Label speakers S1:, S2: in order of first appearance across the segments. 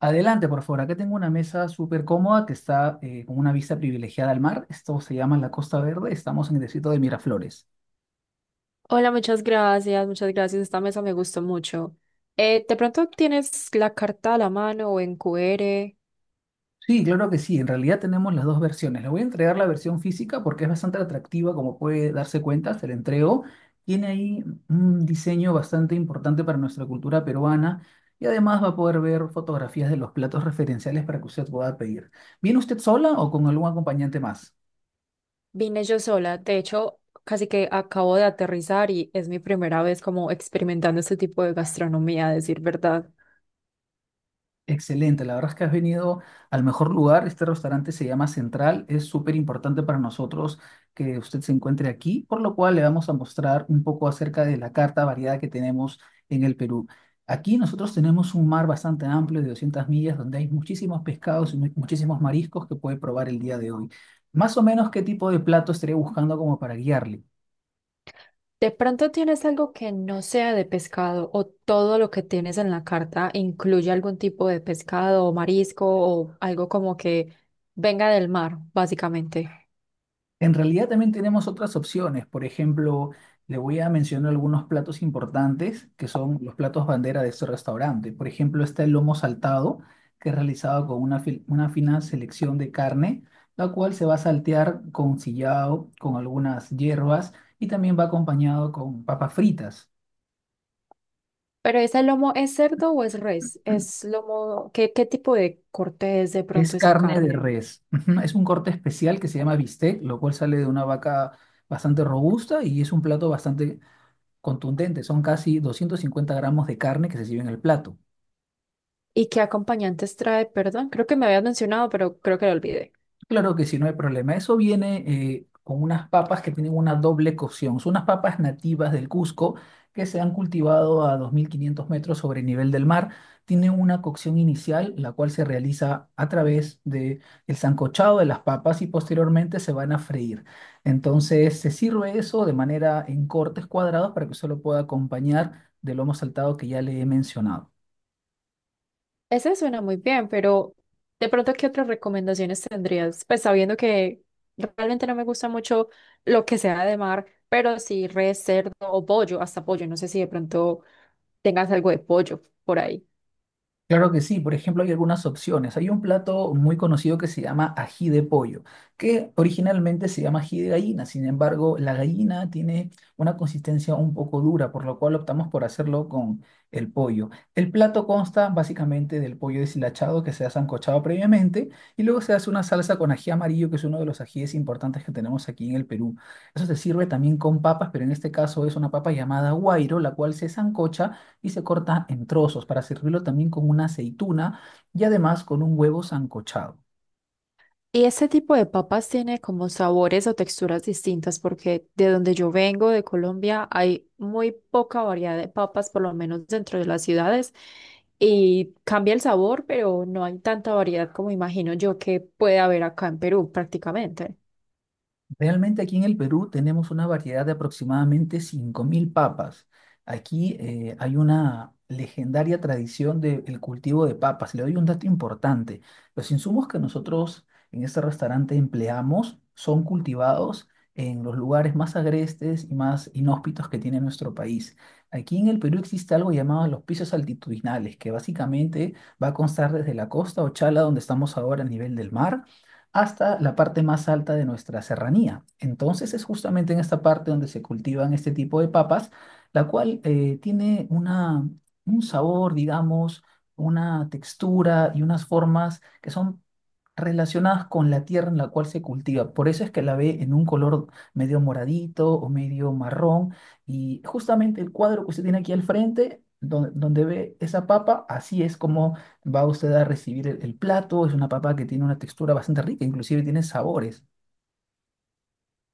S1: Adelante, por favor. Acá tengo una mesa súper cómoda que está con una vista privilegiada al mar. Esto se llama la Costa Verde. Estamos en el distrito de Miraflores.
S2: Hola, muchas gracias, muchas gracias. Esta mesa me gustó mucho. De pronto tienes la carta a la mano o en QR.
S1: Sí, claro que sí. En realidad tenemos las dos versiones. Le voy a entregar la versión física porque es bastante atractiva, como puede darse cuenta. Se la entrego. Tiene ahí un diseño bastante importante para nuestra cultura peruana y además va a poder ver fotografías de los platos referenciales para que usted pueda pedir. ¿Viene usted sola o con algún acompañante más?
S2: Vine yo sola. De hecho, casi que acabo de aterrizar y es mi primera vez como experimentando este tipo de gastronomía, a decir verdad.
S1: Excelente, la verdad es que has venido al mejor lugar. Este restaurante se llama Central. Es súper importante para nosotros que usted se encuentre aquí, por lo cual le vamos a mostrar un poco acerca de la carta variada que tenemos en el Perú. Aquí nosotros tenemos un mar bastante amplio de 200 millas donde hay muchísimos pescados y muchísimos mariscos que puede probar el día de hoy. Más o menos, ¿qué tipo de plato estaría buscando como para guiarle?
S2: De pronto tienes algo que no sea de pescado o todo lo que tienes en la carta incluye algún tipo de pescado o marisco o algo como que venga del mar, básicamente.
S1: En realidad también tenemos otras opciones. Por ejemplo, le voy a mencionar algunos platos importantes que son los platos bandera de este restaurante. Por ejemplo, está el lomo saltado, que es realizado con una fina selección de carne, la cual se va a saltear con sillao, con algunas hierbas y también va acompañado con papas fritas.
S2: ¿Pero ese lomo es cerdo o es res? ¿Es lomo? ¿Qué tipo de corte es de pronto
S1: Es
S2: esa
S1: carne de
S2: carne?
S1: res. Ujú, es un corte especial que se llama bistec, lo cual sale de una vaca bastante robusta y es un plato bastante contundente, son casi 250 gramos de carne que se sirve en el plato.
S2: ¿Y qué acompañantes trae? Perdón, creo que me habías mencionado, pero creo que lo olvidé.
S1: Claro que sí, no hay problema. Eso viene con unas papas que tienen una doble cocción. Son unas papas nativas del Cusco que se han cultivado a 2.500 metros sobre el nivel del mar. Tienen una cocción inicial, la cual se realiza a través del sancochado de las papas y posteriormente se van a freír. Entonces se sirve eso de manera en cortes cuadrados para que usted lo pueda acompañar del lomo saltado que ya le he mencionado.
S2: Ese suena muy bien, pero de pronto, ¿qué otras recomendaciones tendrías? Pues sabiendo que realmente no me gusta mucho lo que sea de mar, pero sí res, cerdo o pollo, hasta pollo. No sé si de pronto tengas algo de pollo por ahí.
S1: Claro que sí, por ejemplo, hay algunas opciones. Hay un plato muy conocido que se llama ají de pollo, que originalmente se llama ají de gallina, sin embargo, la gallina tiene una consistencia un poco dura, por lo cual optamos por hacerlo con el pollo. El plato consta básicamente del pollo deshilachado que se ha sancochado previamente y luego se hace una salsa con ají amarillo, que es uno de los ajíes importantes que tenemos aquí en el Perú. Eso se sirve también con papas, pero en este caso es una papa llamada guairo, la cual se sancocha y se corta en trozos para servirlo también con una aceituna y además con un huevo sancochado.
S2: Y este tipo de papas tiene como sabores o texturas distintas porque de donde yo vengo, de Colombia, hay muy poca variedad de papas, por lo menos dentro de las ciudades, y cambia el sabor, pero no hay tanta variedad como imagino yo que puede haber acá en Perú prácticamente.
S1: Realmente aquí en el Perú tenemos una variedad de aproximadamente 5.000 papas. Aquí hay una legendaria tradición del cultivo de papas. Le doy un dato importante. Los insumos que nosotros en este restaurante empleamos son cultivados en los lugares más agrestes y más inhóspitos que tiene nuestro país. Aquí en el Perú existe algo llamado los pisos altitudinales, que básicamente va a constar desde la costa Ochala, donde estamos ahora a nivel del mar, hasta la parte más alta de nuestra serranía. Entonces es justamente en esta parte donde se cultivan este tipo de papas, la cual tiene un sabor, digamos, una textura y unas formas que son relacionadas con la tierra en la cual se cultiva. Por eso es que la ve en un color medio moradito o medio marrón. Y justamente el cuadro que usted tiene aquí al frente, donde ve esa papa, así es como va usted a recibir el plato, es una papa que tiene una textura bastante rica, inclusive tiene sabores.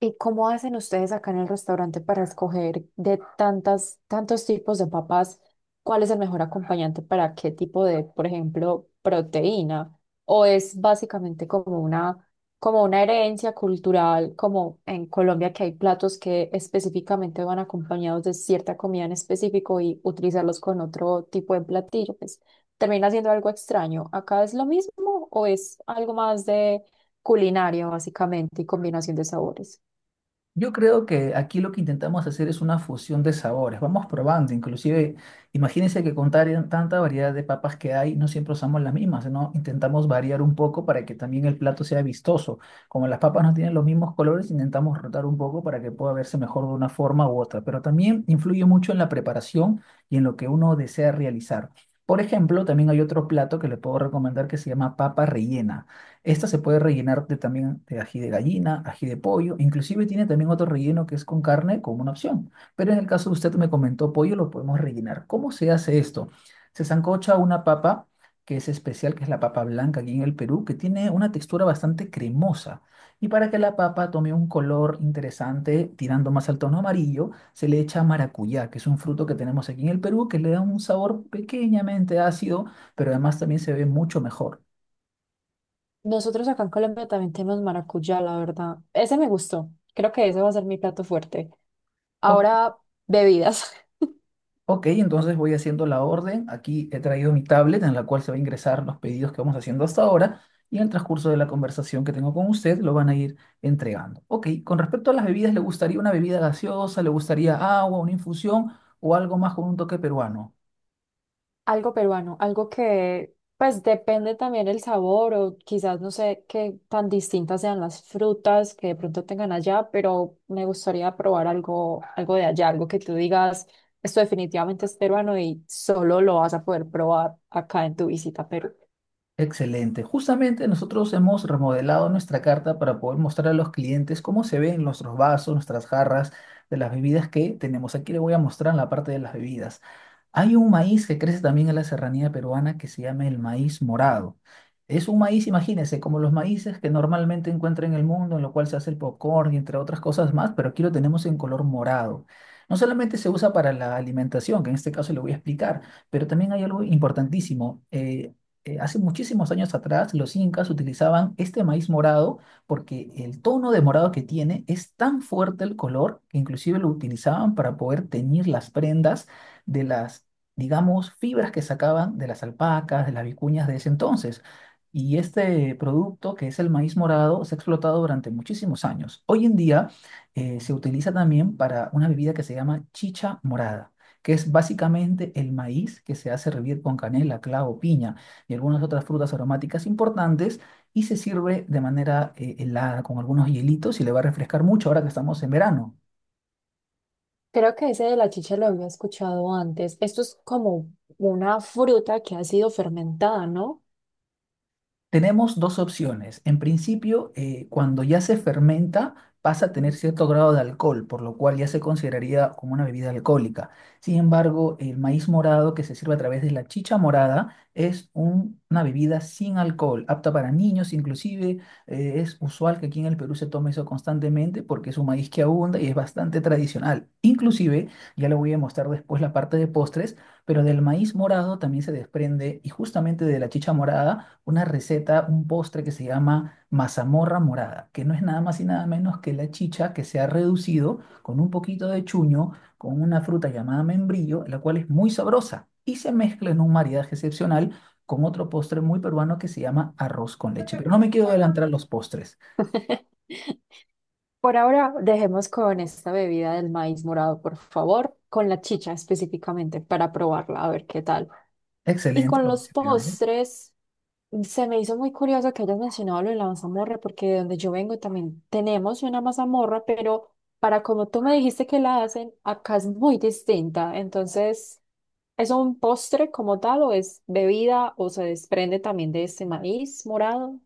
S2: ¿Y cómo hacen ustedes acá en el restaurante para escoger de tantas, tantos tipos de papas, cuál es el mejor acompañante para qué tipo de, por ejemplo, proteína? ¿O es básicamente como una herencia cultural, como en Colombia que hay platos que específicamente van acompañados de cierta comida en específico y utilizarlos con otro tipo de platillo? Pues termina siendo algo extraño. ¿Acá es lo mismo o es algo más de culinario, básicamente, y combinación de sabores?
S1: Yo creo que aquí lo que intentamos hacer es una fusión de sabores. Vamos probando, inclusive, imagínense que con tanta variedad de papas que hay, no siempre usamos las mismas, ¿no? Intentamos variar un poco para que también el plato sea vistoso. Como las papas no tienen los mismos colores, intentamos rotar un poco para que pueda verse mejor de una forma u otra. Pero también influye mucho en la preparación y en lo que uno desea realizar. Por ejemplo, también hay otro plato que le puedo recomendar que se llama papa rellena. Esta se puede rellenar de, también de ají de gallina, ají de pollo, inclusive tiene también otro relleno que es con carne como una opción. Pero en el caso de usted me comentó pollo, lo podemos rellenar. ¿Cómo se hace esto? Se sancocha una papa que es especial, que es la papa blanca aquí en el Perú, que tiene una textura bastante cremosa. Y para que la papa tome un color interesante, tirando más al tono amarillo, se le echa maracuyá, que es un fruto que tenemos aquí en el Perú, que le da un sabor pequeñamente ácido, pero además también se ve mucho mejor.
S2: Nosotros acá en Colombia también tenemos maracuyá, la verdad. Ese me gustó. Creo que ese va a ser mi plato fuerte.
S1: Ok,
S2: Ahora, bebidas.
S1: Ok, entonces voy haciendo la orden. Aquí he traído mi tablet en la cual se va a ingresar los pedidos que vamos haciendo hasta ahora y en el transcurso de la conversación que tengo con usted lo van a ir entregando. Ok, con respecto a las bebidas, ¿le gustaría una bebida gaseosa? ¿Le gustaría agua, una infusión o algo más con un toque peruano?
S2: Algo peruano, algo que pues depende también el sabor o quizás no sé qué tan distintas sean las frutas que de pronto tengan allá, pero me gustaría probar algo, algo de allá, algo que tú digas, esto definitivamente es peruano y solo lo vas a poder probar acá en tu visita a Perú.
S1: Excelente. Justamente nosotros hemos remodelado nuestra carta para poder mostrar a los clientes cómo se ven nuestros vasos, nuestras jarras de las bebidas que tenemos. Aquí le voy a mostrar la parte de las bebidas. Hay un maíz que crece también en la serranía peruana que se llama el maíz morado. Es un maíz, imagínense, como los maíces que normalmente encuentran en el mundo, en lo cual se hace el popcorn y entre otras cosas más, pero aquí lo tenemos en color morado. No solamente se usa para la alimentación, que en este caso le voy a explicar, pero también hay algo importantísimo. Hace muchísimos años atrás los incas utilizaban este maíz morado porque el tono de morado que tiene es tan fuerte el color que inclusive lo utilizaban para poder teñir las prendas de las, digamos, fibras que sacaban de las alpacas, de las vicuñas de ese entonces. Y este producto, que es el maíz morado, se ha explotado durante muchísimos años. Hoy en día se utiliza también para una bebida que se llama chicha morada, que es básicamente el maíz que se hace hervir con canela, clavo, piña y algunas otras frutas aromáticas importantes y se sirve de manera helada con algunos hielitos y le va a refrescar mucho ahora que estamos en verano.
S2: Creo que ese de la chicha lo había escuchado antes. Esto es como una fruta que ha sido fermentada, ¿no?
S1: Tenemos dos opciones. En principio, cuando ya se fermenta, pasa a tener cierto grado de alcohol, por lo cual ya se consideraría como una bebida alcohólica. Sin embargo, el maíz morado que se sirve a través de la chicha morada es una bebida sin alcohol, apta para niños inclusive. Es usual que aquí en el Perú se tome eso constantemente porque es un maíz que abunda y es bastante tradicional. Inclusive, ya le voy a mostrar después la parte de postres, pero del maíz morado también se desprende y justamente de la chicha morada una receta, un postre que se llama mazamorra morada, que no es nada más y nada menos que la chicha que se ha reducido con un poquito de chuño, con una fruta llamada membrillo, la cual es muy sabrosa y se mezcla en un maridaje excepcional con otro postre muy peruano que se llama arroz con leche. Pero no me quiero adelantar a los postres.
S2: Por ahora, dejemos con esta bebida del maíz morado, por favor, con la chicha específicamente, para probarla, a ver qué tal. Y
S1: Excelente.
S2: con
S1: Lo voy
S2: los
S1: a pegar.
S2: postres, se me hizo muy curioso que hayas mencionado lo de la mazamorra, porque de donde yo vengo también tenemos una mazamorra, pero para como tú me dijiste que la hacen, acá es muy distinta. Entonces, ¿es un postre como tal o es bebida o se desprende también de este maíz morado?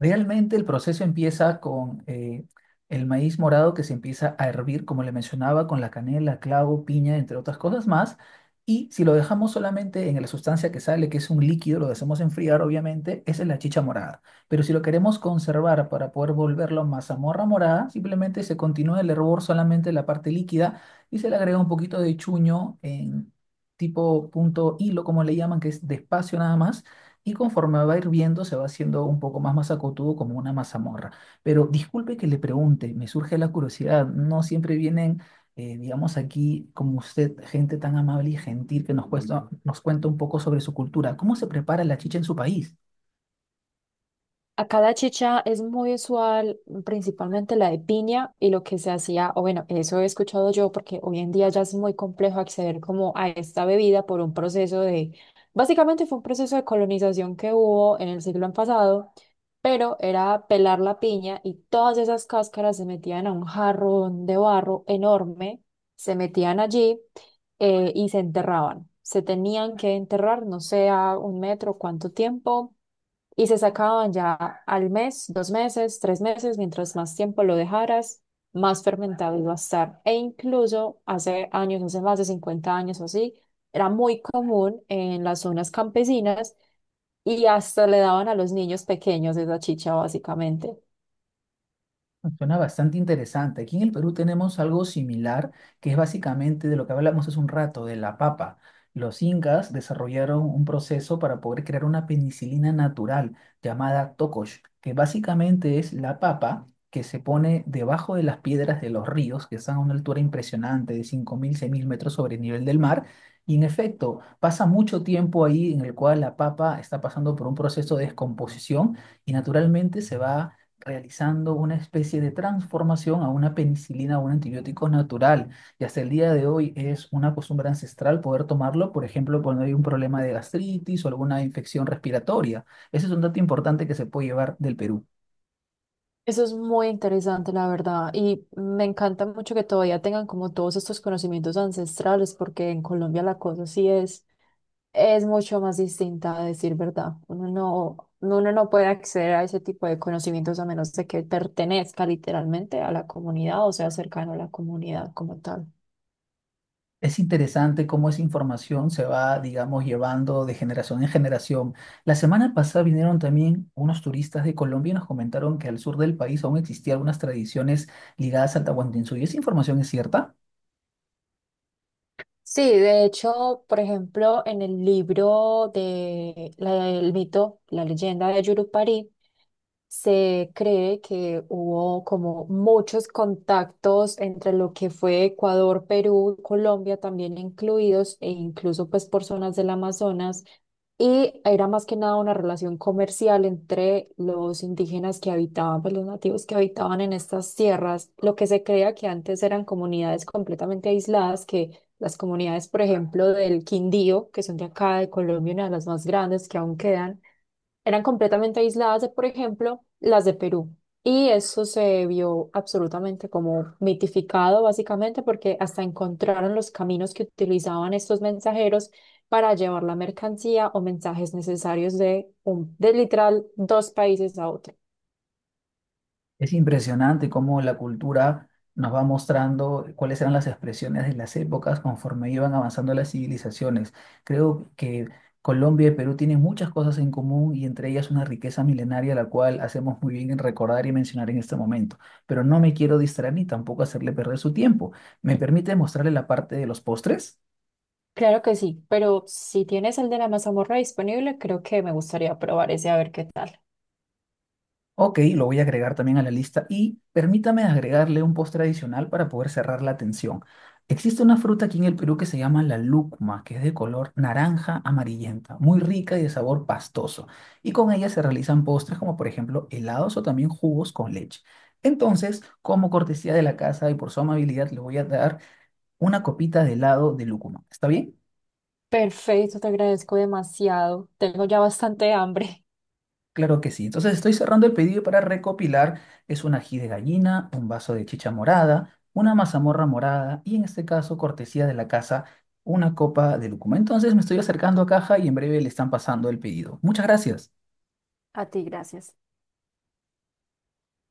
S1: Realmente el proceso empieza con el maíz morado que se empieza a hervir, como le mencionaba, con la canela, clavo, piña, entre otras cosas más. Y si lo dejamos solamente en la sustancia que sale, que es un líquido, lo dejamos enfriar, obviamente, esa es la chicha morada. Pero si lo queremos conservar para poder volverlo mazamorra morada, simplemente se continúa el hervor solamente en la parte líquida y se le agrega un poquito de chuño en tipo punto hilo, como le llaman, que es despacio nada más y conforme va hirviendo se va haciendo un poco más masacotudo como una mazamorra. Pero disculpe que le pregunte, me surge la curiosidad, no siempre vienen, digamos aquí como usted, gente tan amable y gentil que nos cuesta, nos cuenta un poco sobre su cultura. ¿Cómo se prepara la chicha en su país?
S2: Acá la chicha es muy usual, principalmente la de piña, y lo que se hacía, o bueno, eso he escuchado yo, porque hoy en día ya es muy complejo acceder como a esta bebida por un proceso de, básicamente fue un proceso de colonización que hubo en el siglo pasado, pero era pelar la piña y todas esas cáscaras se metían a un jarrón de barro enorme, se metían allí y se enterraban. Se tenían que enterrar, no sé, a un metro, cuánto tiempo y se sacaban ya al mes, dos meses, tres meses, mientras más tiempo lo dejaras, más fermentado iba a estar. E incluso hace años, hace más de 50 años o así, era muy común en las zonas campesinas y hasta le daban a los niños pequeños esa chicha básicamente.
S1: Suena bastante interesante. Aquí en el Perú tenemos algo similar, que es básicamente de lo que hablamos hace un rato, de la papa. Los incas desarrollaron un proceso para poder crear una penicilina natural llamada tocosh, que básicamente es la papa que se pone debajo de las piedras de los ríos, que están a una altura impresionante de 5.000, 6.000 metros sobre el nivel del mar. Y en efecto, pasa mucho tiempo ahí en el cual la papa está pasando por un proceso de descomposición y naturalmente se va realizando una especie de transformación a una penicilina o un antibiótico natural. Y hasta el día de hoy es una costumbre ancestral poder tomarlo, por ejemplo, cuando hay un problema de gastritis o alguna infección respiratoria. Ese es un dato importante que se puede llevar del Perú.
S2: Eso es muy interesante, la verdad, y me encanta mucho que todavía tengan como todos estos conocimientos ancestrales, porque en Colombia la cosa sí es mucho más distinta, a decir verdad. Uno no puede acceder a ese tipo de conocimientos a menos de que pertenezca literalmente a la comunidad o sea cercano a la comunidad como tal.
S1: Es interesante cómo esa información se va, digamos, llevando de generación en generación. La semana pasada vinieron también unos turistas de Colombia y nos comentaron que al sur del país aún existían algunas tradiciones ligadas al Tahuantinsuyo. ¿Esa información es cierta?
S2: Sí, de hecho, por ejemplo, en el libro de la, el mito, la leyenda de Yurupari, se cree que hubo como muchos contactos entre lo que fue Ecuador, Perú, Colombia también incluidos e incluso pues por zonas del Amazonas y era más que nada una relación comercial entre los indígenas que habitaban, pues los nativos que habitaban en estas tierras, lo que se creía que antes eran comunidades completamente aisladas que las comunidades, por ejemplo, del Quindío, que son de acá, de Colombia, una de las más grandes que aún quedan, eran completamente aisladas de, por ejemplo, las de Perú. Y eso se vio absolutamente como mitificado, básicamente, porque hasta encontraron los caminos que utilizaban estos mensajeros para llevar la mercancía o mensajes necesarios de, un, de literal dos países a otro.
S1: Es impresionante cómo la cultura nos va mostrando cuáles eran las expresiones de las épocas conforme iban avanzando las civilizaciones. Creo que Colombia y Perú tienen muchas cosas en común y entre ellas una riqueza milenaria la cual hacemos muy bien en recordar y mencionar en este momento. Pero no me quiero distraer ni tampoco hacerle perder su tiempo. ¿Me permite mostrarle la parte de los postres?
S2: Claro que sí, pero si tienes el de la mazamorra disponible, creo que me gustaría probar ese a ver qué tal.
S1: Ok, lo voy a agregar también a la lista y permítame agregarle un postre adicional para poder cerrar la tensión. Existe una fruta aquí en el Perú que se llama la lúcuma, que es de color naranja amarillenta, muy rica y de sabor pastoso. Y con ella se realizan postres como por ejemplo helados o también jugos con leche. Entonces, como cortesía de la casa y por su amabilidad, le voy a dar una copita de helado de lúcuma. ¿Está bien?
S2: Perfecto, te agradezco demasiado. Tengo ya bastante hambre.
S1: Claro que sí. Entonces estoy cerrando el pedido para recopilar. Es un ají de gallina, un vaso de chicha morada, una mazamorra morada y en este caso, cortesía de la casa, una copa de lúcuma. Entonces me estoy acercando a caja y en breve le están pasando el pedido. Muchas gracias.
S2: A ti, gracias.